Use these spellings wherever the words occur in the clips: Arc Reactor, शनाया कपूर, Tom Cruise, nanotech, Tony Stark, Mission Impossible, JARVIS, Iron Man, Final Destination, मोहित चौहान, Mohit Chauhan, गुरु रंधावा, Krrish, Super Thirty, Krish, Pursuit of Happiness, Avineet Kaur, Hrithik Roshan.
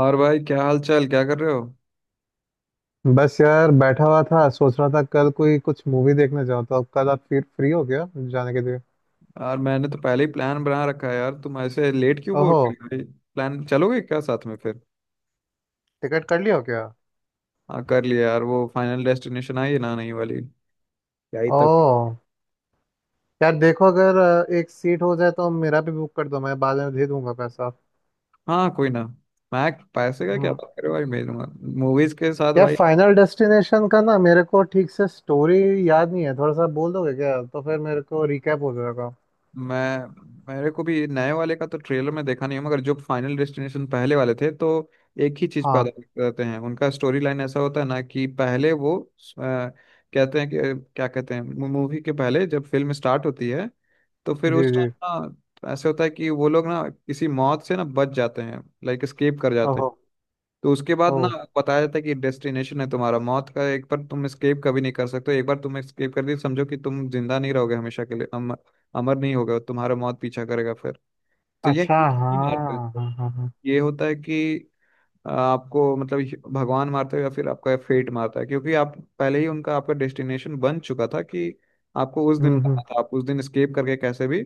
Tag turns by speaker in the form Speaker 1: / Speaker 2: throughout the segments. Speaker 1: और भाई क्या हाल चाल, क्या कर रहे हो?
Speaker 2: बस यार, बैठा हुआ था सोच रहा था कल कोई कुछ मूवी देखने जाऊँ। तो अब कल आप फिर फ्री हो क्या जाने के लिए?
Speaker 1: यार मैंने तो पहले ही प्लान बना रखा है। यार तुम ऐसे लेट क्यों बोल
Speaker 2: ओहो।
Speaker 1: रहे हो भाई? प्लान चलोगे क्या साथ में फिर?
Speaker 2: टिकट कर लिया हो क्या?
Speaker 1: हाँ कर लिया यार, वो फाइनल डेस्टिनेशन आई है ना, नहीं वाली। क्या ही तक।
Speaker 2: ओह। यार देखो अगर एक सीट हो जाए तो मेरा भी बुक कर दो, मैं बाद में दे दूंगा पैसा।
Speaker 1: हाँ कोई ना। मैं पैसे का क्या
Speaker 2: हम्म।
Speaker 1: बात कर रहे हो भाई, मेरे मूवीज के साथ
Speaker 2: यार,
Speaker 1: भाई।
Speaker 2: फाइनल डेस्टिनेशन का ना, मेरे को ठीक से स्टोरी याद नहीं है। थोड़ा सा बोल दोगे क्या? तो फिर मेरे को रिकैप हो जाएगा।
Speaker 1: मैं मेरे को भी नए वाले का तो ट्रेलर में देखा नहीं है, मगर जो फाइनल डेस्टिनेशन पहले वाले थे तो एक ही चीज पे
Speaker 2: हाँ।
Speaker 1: आधारित रहते हैं। उनका स्टोरी लाइन ऐसा होता है ना कि पहले वो कहते हैं कि क्या कहते हैं। मूवी के पहले जब फिल्म स्टार्ट होती है, तो
Speaker 2: जी
Speaker 1: फिर उस
Speaker 2: जी।
Speaker 1: टाइम ना ऐसे होता है कि वो लोग ना किसी मौत से ना बच जाते हैं, लाइक एस्केप कर जाते हैं।
Speaker 2: ओहो।
Speaker 1: तो उसके बाद
Speaker 2: ओह।
Speaker 1: ना बताया जाता है कि डेस्टिनेशन है तुम्हारा मौत का, एक बार तुम एस्केप कभी नहीं कर सकते हो। एक बार तुम एस्केप कर दी समझो कि तुम जिंदा नहीं रहोगे हमेशा के लिए, अमर नहीं होगा, तुम्हारा मौत पीछा करेगा फिर। तो ये
Speaker 2: अच्छा,
Speaker 1: नहीं मारते हैं
Speaker 2: हाँ
Speaker 1: इसको।
Speaker 2: हाँ हाँ हाँ।
Speaker 1: ये होता है कि आपको मतलब ये भगवान मारता है या फिर आपका फेट मारता है, क्योंकि आप पहले ही उनका आपका डेस्टिनेशन बन चुका था कि आपको उस दिन मारना
Speaker 2: हम्म।
Speaker 1: था, आप उस दिन एस्केप करके कैसे भी।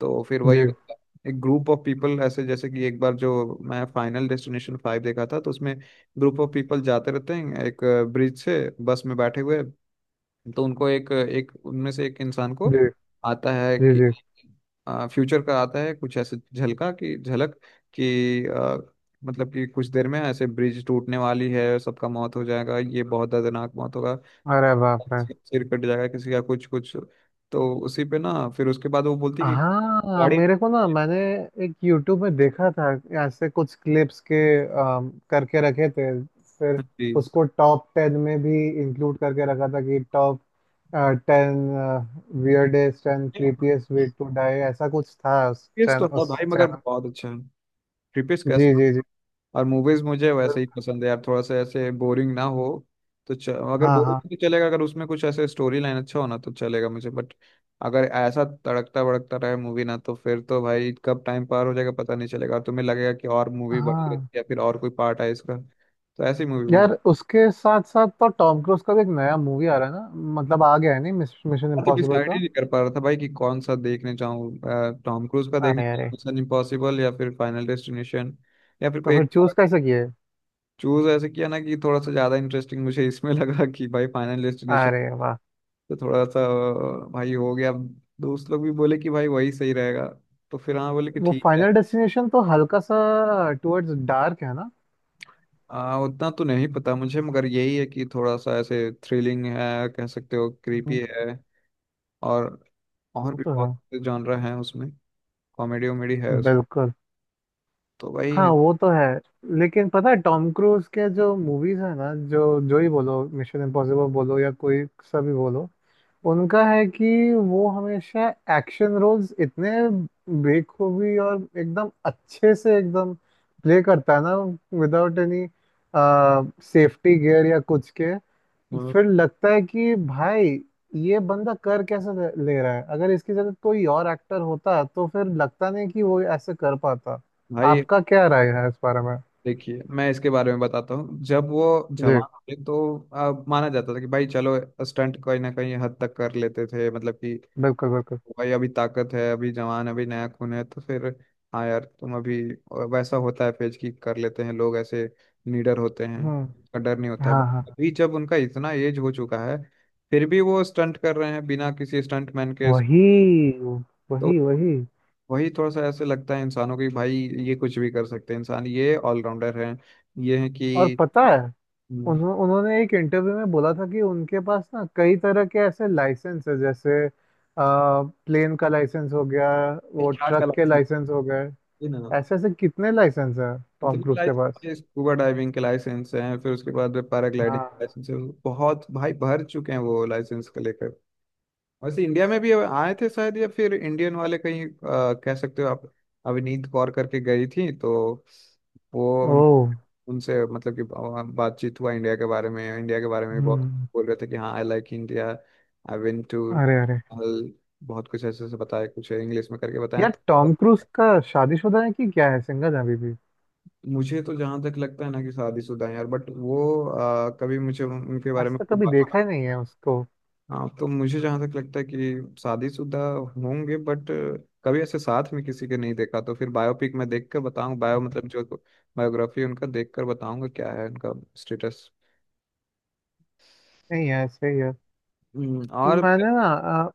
Speaker 1: तो फिर वही
Speaker 2: जी
Speaker 1: होता है। एक ग्रुप ऑफ पीपल ऐसे, जैसे कि एक बार जो मैं फाइनल डेस्टिनेशन 5 देखा था तो उसमें ग्रुप ऑफ पीपल जाते रहते हैं एक ब्रिज से, बस में बैठे हुए। तो उनको एक एक, उनमें से एक इंसान को
Speaker 2: जी
Speaker 1: आता है
Speaker 2: जी
Speaker 1: कि
Speaker 2: जी।
Speaker 1: फ्यूचर का आता है, कुछ ऐसे झलका कि झलक कि मतलब कि कुछ देर में ऐसे ब्रिज टूटने वाली है, सबका मौत हो जाएगा, ये बहुत दर्दनाक मौत होगा।
Speaker 2: अरे बाप रे!
Speaker 1: सिर सिर कट जाएगा किसी का, कुछ कुछ। तो उसी पे ना फिर उसके बाद वो बोलती है कि
Speaker 2: हाँ, मेरे को ना, मैंने एक YouTube में देखा था ऐसे कुछ क्लिप्स के, करके रखे थे फिर।
Speaker 1: गाड़ी।
Speaker 2: उसको टॉप टेन में भी इंक्लूड करके रखा था कि टॉप टेन वियर्डेस्ट एंड
Speaker 1: थ्रीपीस
Speaker 2: क्रीपीएस्ट वे टू डाई, ऐसा कुछ था उस
Speaker 1: तो
Speaker 2: चैनल
Speaker 1: है
Speaker 2: उस
Speaker 1: भाई, मगर
Speaker 2: चैनल।
Speaker 1: बहुत अच्छा है। थ्रीपीस
Speaker 2: जी
Speaker 1: कैसा।
Speaker 2: जी जी।
Speaker 1: और मूवीज मुझे वैसे ही पसंद है यार, थोड़ा सा ऐसे बोरिंग ना हो तो अगर
Speaker 2: हाँ
Speaker 1: बोरिंग
Speaker 2: हाँ।
Speaker 1: तो चलेगा, अगर उसमें कुछ ऐसे स्टोरी लाइन अच्छा होना तो चलेगा मुझे, बट अगर ऐसा तड़कता भड़कता रहे मूवी ना तो फिर तो भाई कब टाइम पार हो जाएगा पता नहीं चलेगा, और तुम्हें लगेगा कि और मूवी बढ़ी
Speaker 2: हाँ
Speaker 1: रहती है या फिर और कोई पार्ट है इसका, तो ऐसी मूवी मुझे।
Speaker 2: यार, उसके साथ साथ तो टॉम क्रूज का भी एक नया मूवी आ रहा है ना। मतलब आ गया है, नहीं? मिशन
Speaker 1: मैं तो
Speaker 2: इम्पॉसिबल
Speaker 1: डिसाइड ही
Speaker 2: का।
Speaker 1: नहीं कर पा रहा था भाई कि कौन सा देखने जाऊं, टॉम क्रूज का देखने
Speaker 2: अरे
Speaker 1: जाऊं
Speaker 2: अरे।
Speaker 1: मिशन इम्पॉसिबल या फिर फाइनल डेस्टिनेशन, या फिर
Speaker 2: तो
Speaker 1: कोई
Speaker 2: फिर
Speaker 1: एक।
Speaker 2: चूज कैसे किए?
Speaker 1: चूज ऐसे किया ना कि थोड़ा सा ज्यादा इंटरेस्टिंग मुझे इसमें लगा कि भाई फाइनल डेस्टिनेशन।
Speaker 2: अरे वाह।
Speaker 1: तो थोड़ा सा भाई हो गया अब, दोस्त लोग भी बोले कि भाई वही सही रहेगा, तो फिर हाँ बोले कि
Speaker 2: वो
Speaker 1: ठीक है।
Speaker 2: फाइनल डेस्टिनेशन तो हल्का सा टुवर्ड्स डार्क है ना।
Speaker 1: उतना तो नहीं पता मुझे, मगर यही है कि थोड़ा सा ऐसे थ्रिलिंग है, कह सकते हो क्रीपी
Speaker 2: हम्म।
Speaker 1: है। और और
Speaker 2: वो
Speaker 1: भी
Speaker 2: तो है।
Speaker 1: बहुत जॉनर हैं उसमें। कॉमेडी वॉमेडी है उस,
Speaker 2: बिल्कुल।
Speaker 1: तो वही
Speaker 2: हाँ
Speaker 1: है।
Speaker 2: वो तो है। लेकिन पता है, टॉम क्रूज के जो मूवीज है ना, जो जो ही बोलो, मिशन इम्पॉसिबल बोलो या कोई सा भी बोलो, उनका है कि वो हमेशा एक्शन रोल्स इतने बेखूबी और एकदम अच्छे से एकदम प्ले करता है ना, विदाउट एनी सेफ्टी गियर या कुछ के।
Speaker 1: हाँ,
Speaker 2: फिर लगता है कि भाई ये बंदा कर कैसे ले ले रहा है, अगर इसकी जगह कोई और एक्टर होता तो फिर लगता नहीं कि वो ऐसे कर पाता।
Speaker 1: भाई
Speaker 2: आपका क्या राय है इस बारे में?
Speaker 1: देखिए मैं इसके बारे में बताता हूँ। जब वो
Speaker 2: जी।
Speaker 1: जवान थे तो माना जाता था कि भाई चलो स्टंट कहीं ना कहीं हद तक कर लेते थे, मतलब कि
Speaker 2: बिल्कुल बिल्कुल।
Speaker 1: भाई अभी ताकत है, अभी जवान, अभी नया खून है तो फिर। हाँ यार तुम अभी वैसा होता है, फेज की कर लेते हैं लोग ऐसे, निडर होते हैं,
Speaker 2: हम्म।
Speaker 1: का डर नहीं होता, बट
Speaker 2: हाँ हाँ।
Speaker 1: अभी जब उनका इतना एज हो चुका है फिर भी वो स्टंट कर रहे हैं बिना किसी स्टंट मैन के।
Speaker 2: वही वही
Speaker 1: तो
Speaker 2: वही।
Speaker 1: वही थोड़ा सा ऐसे लगता है इंसानों को कि भाई ये कुछ भी कर सकते हैं, इंसान ये ऑलराउंडर हैं, ये है कि
Speaker 2: और पता है, उन्होंने एक इंटरव्यू में बोला था कि उनके पास ना कई तरह के ऐसे लाइसेंस है, जैसे प्लेन का लाइसेंस हो गया, वो
Speaker 1: क्या क्या
Speaker 2: ट्रक के
Speaker 1: license
Speaker 2: लाइसेंस हो गए।
Speaker 1: है ना।
Speaker 2: ऐसे ऐसे कितने लाइसेंस है टॉम
Speaker 1: इतनी
Speaker 2: क्रूज के पास।
Speaker 1: लाइसेंस, स्कूबा डाइविंग के लाइसेंस हैं, फिर उसके बाद पैराग्लाइडिंग
Speaker 2: हाँ।
Speaker 1: लाइसेंस है। बहुत भाई भर चुके हैं वो लाइसेंस को लेकर। वैसे इंडिया में भी आए थे शायद, या फिर इंडियन वाले कहीं कह सकते हो आप, अविनीत कौर करके गई थी तो वो
Speaker 2: ओ।
Speaker 1: उन उनसे मतलब कि बातचीत हुआ इंडिया के बारे में। इंडिया के बारे में भी बहुत
Speaker 2: हम्म।
Speaker 1: बोल रहे थे कि हाँ I like India, I went to,
Speaker 2: अरे अरे।
Speaker 1: बहुत कुछ ऐसे ऐसे बताया, कुछ इंग्लिश में करके बताया
Speaker 2: यार टॉम
Speaker 1: तो।
Speaker 2: क्रूज का शादीशुदा है कि क्या है? सिंगल है अभी भी?
Speaker 1: मुझे तो जहां तक लगता है ना कि शादीशुदा है यार, बट वो कभी मुझे उनके बारे
Speaker 2: आज
Speaker 1: में
Speaker 2: तक
Speaker 1: तो
Speaker 2: कभी देखा
Speaker 1: बात।
Speaker 2: ही नहीं है उसको।
Speaker 1: हाँ तो मुझे जहां तक लगता है कि शादीशुदा होंगे, बट कभी ऐसे साथ में किसी के नहीं देखा, तो फिर बायोपिक में देख कर बताऊँ, बायो मतलब जो बायोग्राफी उनका देख कर बताऊंगा क्या है उनका स्टेटस।
Speaker 2: नहीं, है सही है।
Speaker 1: और
Speaker 2: मैंने ना, अ,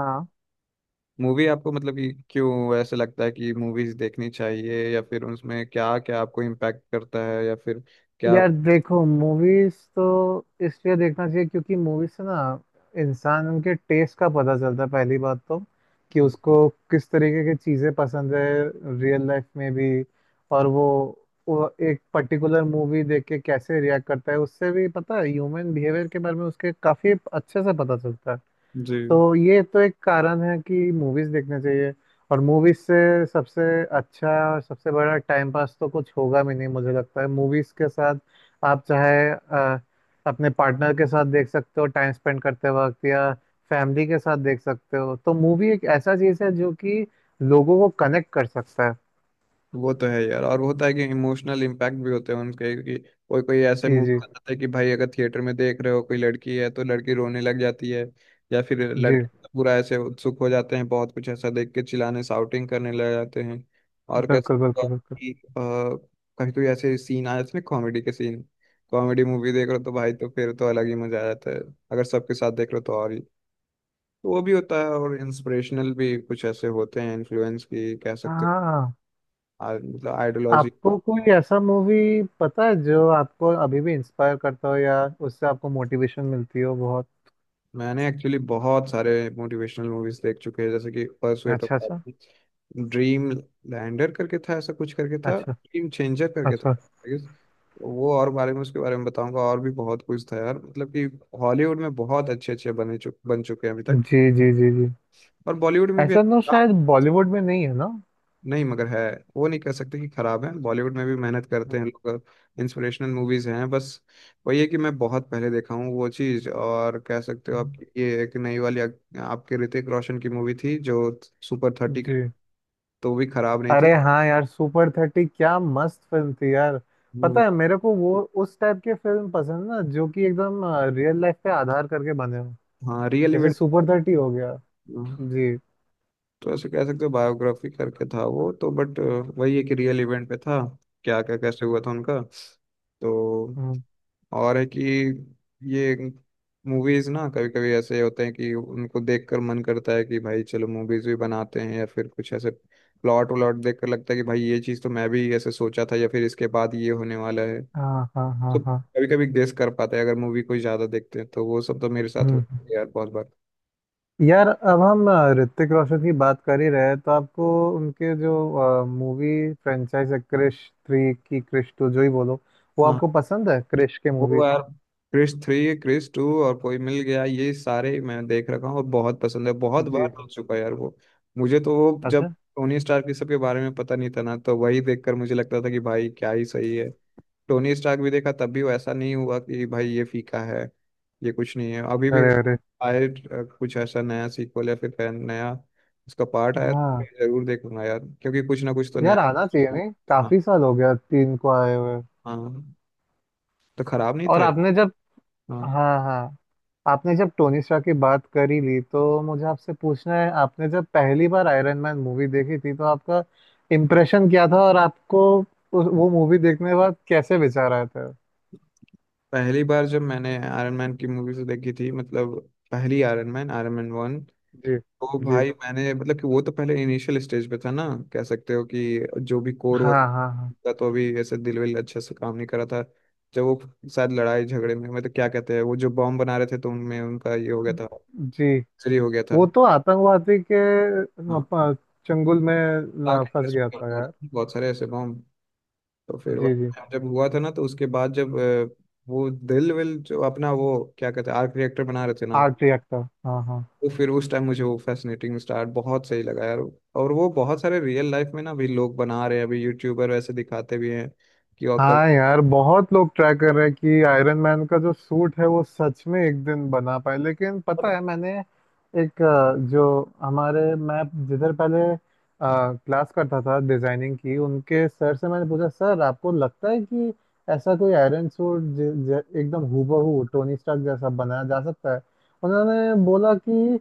Speaker 2: हाँ।
Speaker 1: मूवी आपको मतलब कि क्यों ऐसे लगता है कि मूवीज देखनी चाहिए, या फिर उसमें क्या क्या आपको इम्पैक्ट करता है, या फिर क्या
Speaker 2: यार देखो, मूवीज तो इसलिए देखना चाहिए क्योंकि मूवीज से ना इंसान के टेस्ट का पता चलता है, पहली बात तो, कि
Speaker 1: हाँ,
Speaker 2: उसको किस तरीके की चीज़ें पसंद है, रियल लाइफ में भी। और वो एक पर्टिकुलर मूवी देख के कैसे रिएक्ट करता है उससे भी पता है, ह्यूमन बिहेवियर के बारे में उसके काफ़ी अच्छे से पता चलता है।
Speaker 1: जी
Speaker 2: तो ये तो एक कारण है कि मूवीज देखने चाहिए। और मूवीज से सबसे अच्छा और सबसे बड़ा टाइम पास तो कुछ होगा भी नहीं मुझे लगता है, मूवीज के साथ। आप चाहे अपने पार्टनर के साथ देख सकते हो टाइम स्पेंड करते वक्त, या फैमिली के साथ देख सकते हो। तो मूवी एक ऐसा चीज है जो कि लोगों को कनेक्ट कर सकता है।
Speaker 1: वो तो है यार, और होता है कि इमोशनल इम्पैक्ट भी होते हैं उनके कि कोई कोई ऐसे
Speaker 2: जी
Speaker 1: मूवी
Speaker 2: जी
Speaker 1: बताते हैं कि भाई अगर थिएटर में देख रहे हो, कोई लड़की है तो लड़की रोने लग जाती है, या फिर
Speaker 2: जी।
Speaker 1: लड़के पूरा ऐसे उत्सुक हो जाते हैं, बहुत कुछ ऐसा देख के चिल्लाने साउटिंग करने लग जाते हैं, और कैसे।
Speaker 2: बिल्कुल बिल्कुल बिल्कुल।
Speaker 1: कि, अ, कभी कोई ऐसे सीन आए इसमें, कॉमेडी के सीन, कॉमेडी मूवी देख रहे हो तो भाई, तो फिर तो अलग ही मजा आ जाता है, अगर सबके साथ देख रहे हो तो और ही। तो वो भी होता है, और इंस्पिरेशनल भी कुछ ऐसे होते हैं, इन्फ्लुएंस की कह सकते हैं,
Speaker 2: हाँ।
Speaker 1: मतलब आइडियोलॉजी।
Speaker 2: आपको कोई ऐसा मूवी पता है जो आपको अभी भी इंस्पायर करता हो या उससे आपको मोटिवेशन मिलती हो बहुत?
Speaker 1: मैंने एक्चुअली बहुत सारे मोटिवेशनल मूवीज देख चुके हैं, जैसे कि परसुएट ऑफ
Speaker 2: अच्छा अच्छा।
Speaker 1: हैप्पीनेस, ड्रीम लैंडर करके था, ऐसा कुछ करके था,
Speaker 2: अच्छा
Speaker 1: ड्रीम चेंजर करके था
Speaker 2: अच्छा।
Speaker 1: I guess। तो वो और बारे में, उसके बारे में बताऊंगा। और भी बहुत कुछ था यार, मतलब कि हॉलीवुड में बहुत अच्छे अच्छे बने चुक बन चुके हैं अभी तक,
Speaker 2: जी जी जी जी।
Speaker 1: और बॉलीवुड में भी।
Speaker 2: ऐसा तो शायद बॉलीवुड में नहीं है ना।
Speaker 1: नहीं मगर है, वो नहीं कह सकते कि खराब है, बॉलीवुड में भी मेहनत करते हैं लोग, इंस्पिरेशनल मूवीज हैं बस। वही है कि मैं बहुत पहले देखा हूँ वो चीज़, और कह सकते हो आप
Speaker 2: हम्म।
Speaker 1: कि ये एक नई वाली आपके ऋतिक रोशन की मूवी थी, जो सुपर 30 करके,
Speaker 2: जी।
Speaker 1: तो वो भी खराब नहीं थी।
Speaker 2: अरे हाँ यार, सुपर थर्टी क्या मस्त फिल्म थी यार।
Speaker 1: हम्म,
Speaker 2: पता है, मेरे को वो उस टाइप के फिल्म पसंद है ना जो कि एकदम रियल लाइफ पे आधार करके बने हो।
Speaker 1: हाँ रियल
Speaker 2: जैसे
Speaker 1: इवेंट।
Speaker 2: सुपर थर्टी हो गया। जी।
Speaker 1: तो ऐसे कह सकते हो बायोग्राफी करके था वो तो, बट वही है कि रियल इवेंट पे था, क्या क्या कैसे हुआ था उनका। तो
Speaker 2: हम्म।
Speaker 1: और है कि ये मूवीज ना कभी कभी ऐसे होते हैं कि उनको देखकर मन करता है कि भाई चलो मूवीज भी बनाते हैं, या फिर कुछ ऐसे प्लॉट व्लॉट देखकर लगता है कि भाई ये चीज़ तो मैं भी ऐसे सोचा था, या फिर इसके बाद ये होने वाला है।
Speaker 2: हाँ हाँ
Speaker 1: तो
Speaker 2: हाँ हाँ।
Speaker 1: कभी कभी गेस कर पाते हैं अगर मूवी कोई ज्यादा देखते हैं, तो वो सब तो मेरे साथ
Speaker 2: हम्म
Speaker 1: होता
Speaker 2: हम्म।
Speaker 1: है यार बहुत
Speaker 2: यार अब हम ऋतिक रोशन की बात कर ही रहे हैं तो आपको उनके जो मूवी फ्रेंचाइज है, क्रिश थ्री की क्रिश टू जो ही बोलो, वो
Speaker 1: बार।
Speaker 2: आपको पसंद है क्रिश के मूवी?
Speaker 1: वो यार क्रिश 3, क्रिश 2 और कोई मिल गया, ये सारे मैं देख रखा हूँ और बहुत पसंद है, बहुत बार
Speaker 2: जी।
Speaker 1: देख चुका है यार वो। मुझे तो वो जब
Speaker 2: अच्छा।
Speaker 1: टोनी स्टार्क, ये सब के बारे में पता नहीं था ना, तो वही देखकर मुझे लगता था कि भाई क्या ही सही है। टोनी स्टार्क भी देखा तब भी वो ऐसा नहीं हुआ कि भाई ये फीका है, ये कुछ नहीं है। अभी भी
Speaker 2: अरे अरे।
Speaker 1: आए कुछ ऐसा नया सीक्वल या फिर फैन नया उसका पार्ट आया तो
Speaker 2: हाँ
Speaker 1: मैं जरूर देखूंगा यार, क्योंकि कुछ ना कुछ तो
Speaker 2: यार
Speaker 1: नया।
Speaker 2: आना चाहिए, नहीं?
Speaker 1: हाँ
Speaker 2: काफी साल हो गया तीन को आए हुए।
Speaker 1: हाँ, तो खराब नहीं
Speaker 2: और
Speaker 1: था ये।
Speaker 2: आपने जब
Speaker 1: हाँ
Speaker 2: हाँ हाँ। आपने जब टोनी स्टार्क की बात कर ही ली तो मुझे आपसे पूछना है, आपने जब पहली बार आयरन मैन मूवी देखी थी तो आपका इम्प्रेशन क्या था और आपको वो मूवी देखने के बाद कैसे विचार आया था?
Speaker 1: पहली बार जब मैंने आयरन मैन की मूवीज देखी थी, मतलब पहली आयरन मैन, आयरन मैन 1,
Speaker 2: जी
Speaker 1: तो
Speaker 2: जी।
Speaker 1: भाई मैंने मतलब कि वो तो पहले इनिशियल स्टेज पे था ना, कह सकते हो कि जो भी कोर
Speaker 2: हाँ हाँ हाँ।
Speaker 1: था, तो अभी ऐसे दिल विल अच्छे से काम नहीं करा था। जब वो शायद लड़ाई झगड़े में, मतलब क्या कहते हैं, वो जो बॉम्ब बना रहे थे तो उनमें उनका ये हो गया था,
Speaker 2: जी।
Speaker 1: फ्री हो गया था।
Speaker 2: वो तो आतंकवादी के अ,
Speaker 1: हाँ
Speaker 2: प- चंगुल में
Speaker 1: ताकि
Speaker 2: फंस
Speaker 1: interest
Speaker 2: गया
Speaker 1: में
Speaker 2: था
Speaker 1: बहुत
Speaker 2: यार।
Speaker 1: बहुत सारे ऐसे बॉम्ब। तो फिर
Speaker 2: जी जी।
Speaker 1: जब हुआ था ना, तो उसके बाद जब वो दिल विल जो अपना वो क्या कहते हैं आर्क रिएक्टर बना रहे थे ना।
Speaker 2: Art reactor. हाँ हाँ।
Speaker 1: तो फिर उस टाइम मुझे वो फैसिनेटिंग स्टार बहुत सही लगा यार, और वो बहुत सारे रियल लाइफ में ना अभी लोग बना रहे हैं, अभी यूट्यूबर वैसे दिखाते भी हैं कि, और
Speaker 2: हाँ
Speaker 1: कभी।
Speaker 2: यार, बहुत लोग ट्राई कर रहे हैं कि आयरन मैन का जो सूट है वो सच में एक दिन बना पाए। लेकिन पता है, मैंने एक जो हमारे मैं जिधर पहले क्लास करता था डिजाइनिंग की, उनके सर से मैंने पूछा, सर आपको लगता है कि ऐसा कोई आयरन सूट एकदम हूबहू टोनी स्टार्क जैसा बनाया जा सकता है? उन्होंने बोला कि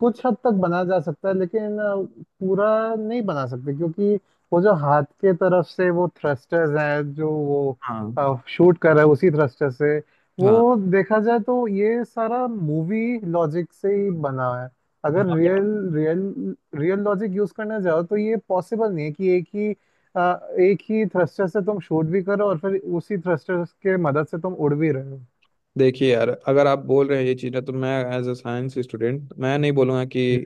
Speaker 2: कुछ हद तक बना जा सकता है लेकिन पूरा नहीं बना सकते क्योंकि वो जो हाथ के तरफ से वो थ्रस्टर्स हैं जो वो शूट कर रहा है उसी थ्रस्टर से वो, देखा जाए तो ये सारा मूवी लॉजिक से ही बना है। अगर real real real logic use करना चाहो तो ये पॉसिबल नहीं है कि अ, एक ही थ्रस्टर से तुम शूट भी करो और फिर उसी थ्रस्टर के मदद से तुम उड़ भी रहे हो।
Speaker 1: देखिए यार अगर आप बोल रहे हैं ये चीज़ें, तो मैं एज अ साइंस स्टूडेंट, मैं नहीं बोलूँगा कि
Speaker 2: जी।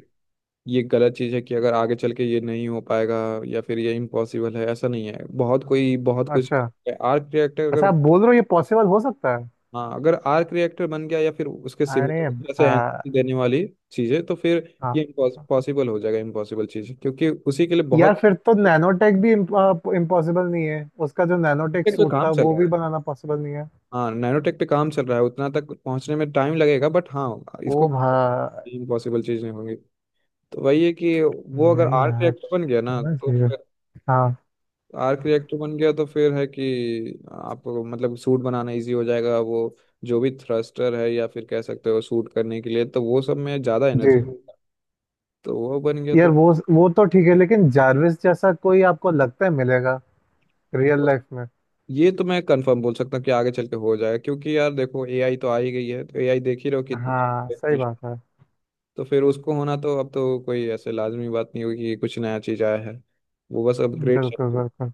Speaker 1: ये गलत चीज़ है कि अगर आगे चल के ये नहीं हो पाएगा, या फिर ये इम्पॉसिबल है, ऐसा नहीं है, बहुत कोई बहुत कुछ।
Speaker 2: अच्छा।
Speaker 1: आर्ट रिएक्टर
Speaker 2: अच्छा
Speaker 1: अगर।
Speaker 2: आप बोल रहे हो ये पॉसिबल हो सकता है?
Speaker 1: हाँ अगर आर्क रिएक्टर बन गया, या फिर उसके
Speaker 2: अरे।
Speaker 1: सिमिलर जैसे एनर्जी देने वाली चीजें, तो फिर
Speaker 2: हाँ
Speaker 1: ये
Speaker 2: हाँ।
Speaker 1: पॉसिबल हो जाएगा, इम्पॉसिबल चीज, क्योंकि उसी के लिए
Speaker 2: यार
Speaker 1: बहुत।
Speaker 2: फिर तो नैनोटेक भी इम्पॉसिबल नहीं है, उसका जो नैनोटेक
Speaker 1: नैनोटेक पे
Speaker 2: सूट था
Speaker 1: काम चल
Speaker 2: वो
Speaker 1: रहा
Speaker 2: भी
Speaker 1: है।
Speaker 2: बनाना पॉसिबल नहीं है?
Speaker 1: हाँ नैनोटेक पे काम चल रहा है, उतना तक पहुंचने में टाइम लगेगा, बट हाँ
Speaker 2: ओ
Speaker 1: इसको
Speaker 2: भाई।
Speaker 1: इम्पॉसिबल चीज नहीं होगी। तो वही है कि वो अगर
Speaker 2: नहीं
Speaker 1: आर्क
Speaker 2: यार,
Speaker 1: रिएक्टर बन गया ना
Speaker 2: होना
Speaker 1: तो
Speaker 2: चाहिए।
Speaker 1: फिर,
Speaker 2: हाँ।
Speaker 1: आर्क रिएक्टर बन गया तो फिर है कि आपको मतलब सूट बनाना इजी हो जाएगा, वो जो भी थ्रस्टर है, या फिर कह सकते हो सूट करने के लिए, तो वो सब में ज्यादा
Speaker 2: जी।
Speaker 1: एनर्जी। तो वो बन गया
Speaker 2: यार
Speaker 1: तो।
Speaker 2: वो तो ठीक है लेकिन जारविस जैसा कोई आपको लगता है मिलेगा रियल
Speaker 1: वो-
Speaker 2: लाइफ में?
Speaker 1: ये तो मैं कंफर्म बोल सकता हूँ कि आगे चल के हो जाएगा, क्योंकि यार देखो एआई तो आ ही गई है, तो एआई देख ही रहो कितना।
Speaker 2: हाँ सही बात है।
Speaker 1: तो फिर उसको होना तो अब तो कोई ऐसे लाजमी बात नहीं होगी कि कुछ नया चीज आया है, वो बस अपग्रेड।
Speaker 2: बिल्कुल बिल्कुल।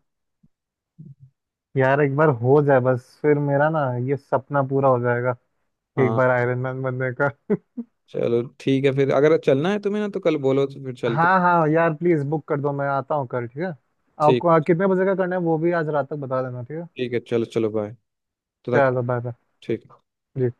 Speaker 2: यार एक बार हो जाए बस, फिर मेरा ना ये सपना पूरा हो जाएगा, एक
Speaker 1: हाँ
Speaker 2: बार आयरन मैन बनने का।
Speaker 1: चलो ठीक है, फिर अगर चलना है तुम्हें ना तो कल बोलो, तो फिर चलते।
Speaker 2: हाँ हाँ यार प्लीज बुक कर दो, मैं आता हूँ कल, ठीक है? आपको
Speaker 1: ठीक।
Speaker 2: कितने बजे का करना है वो भी आज रात तक बता देना, ठीक है?
Speaker 1: ठीक है, चलो चलो बाय। तो तक।
Speaker 2: चलो बाय।
Speaker 1: ठीक।
Speaker 2: बाय।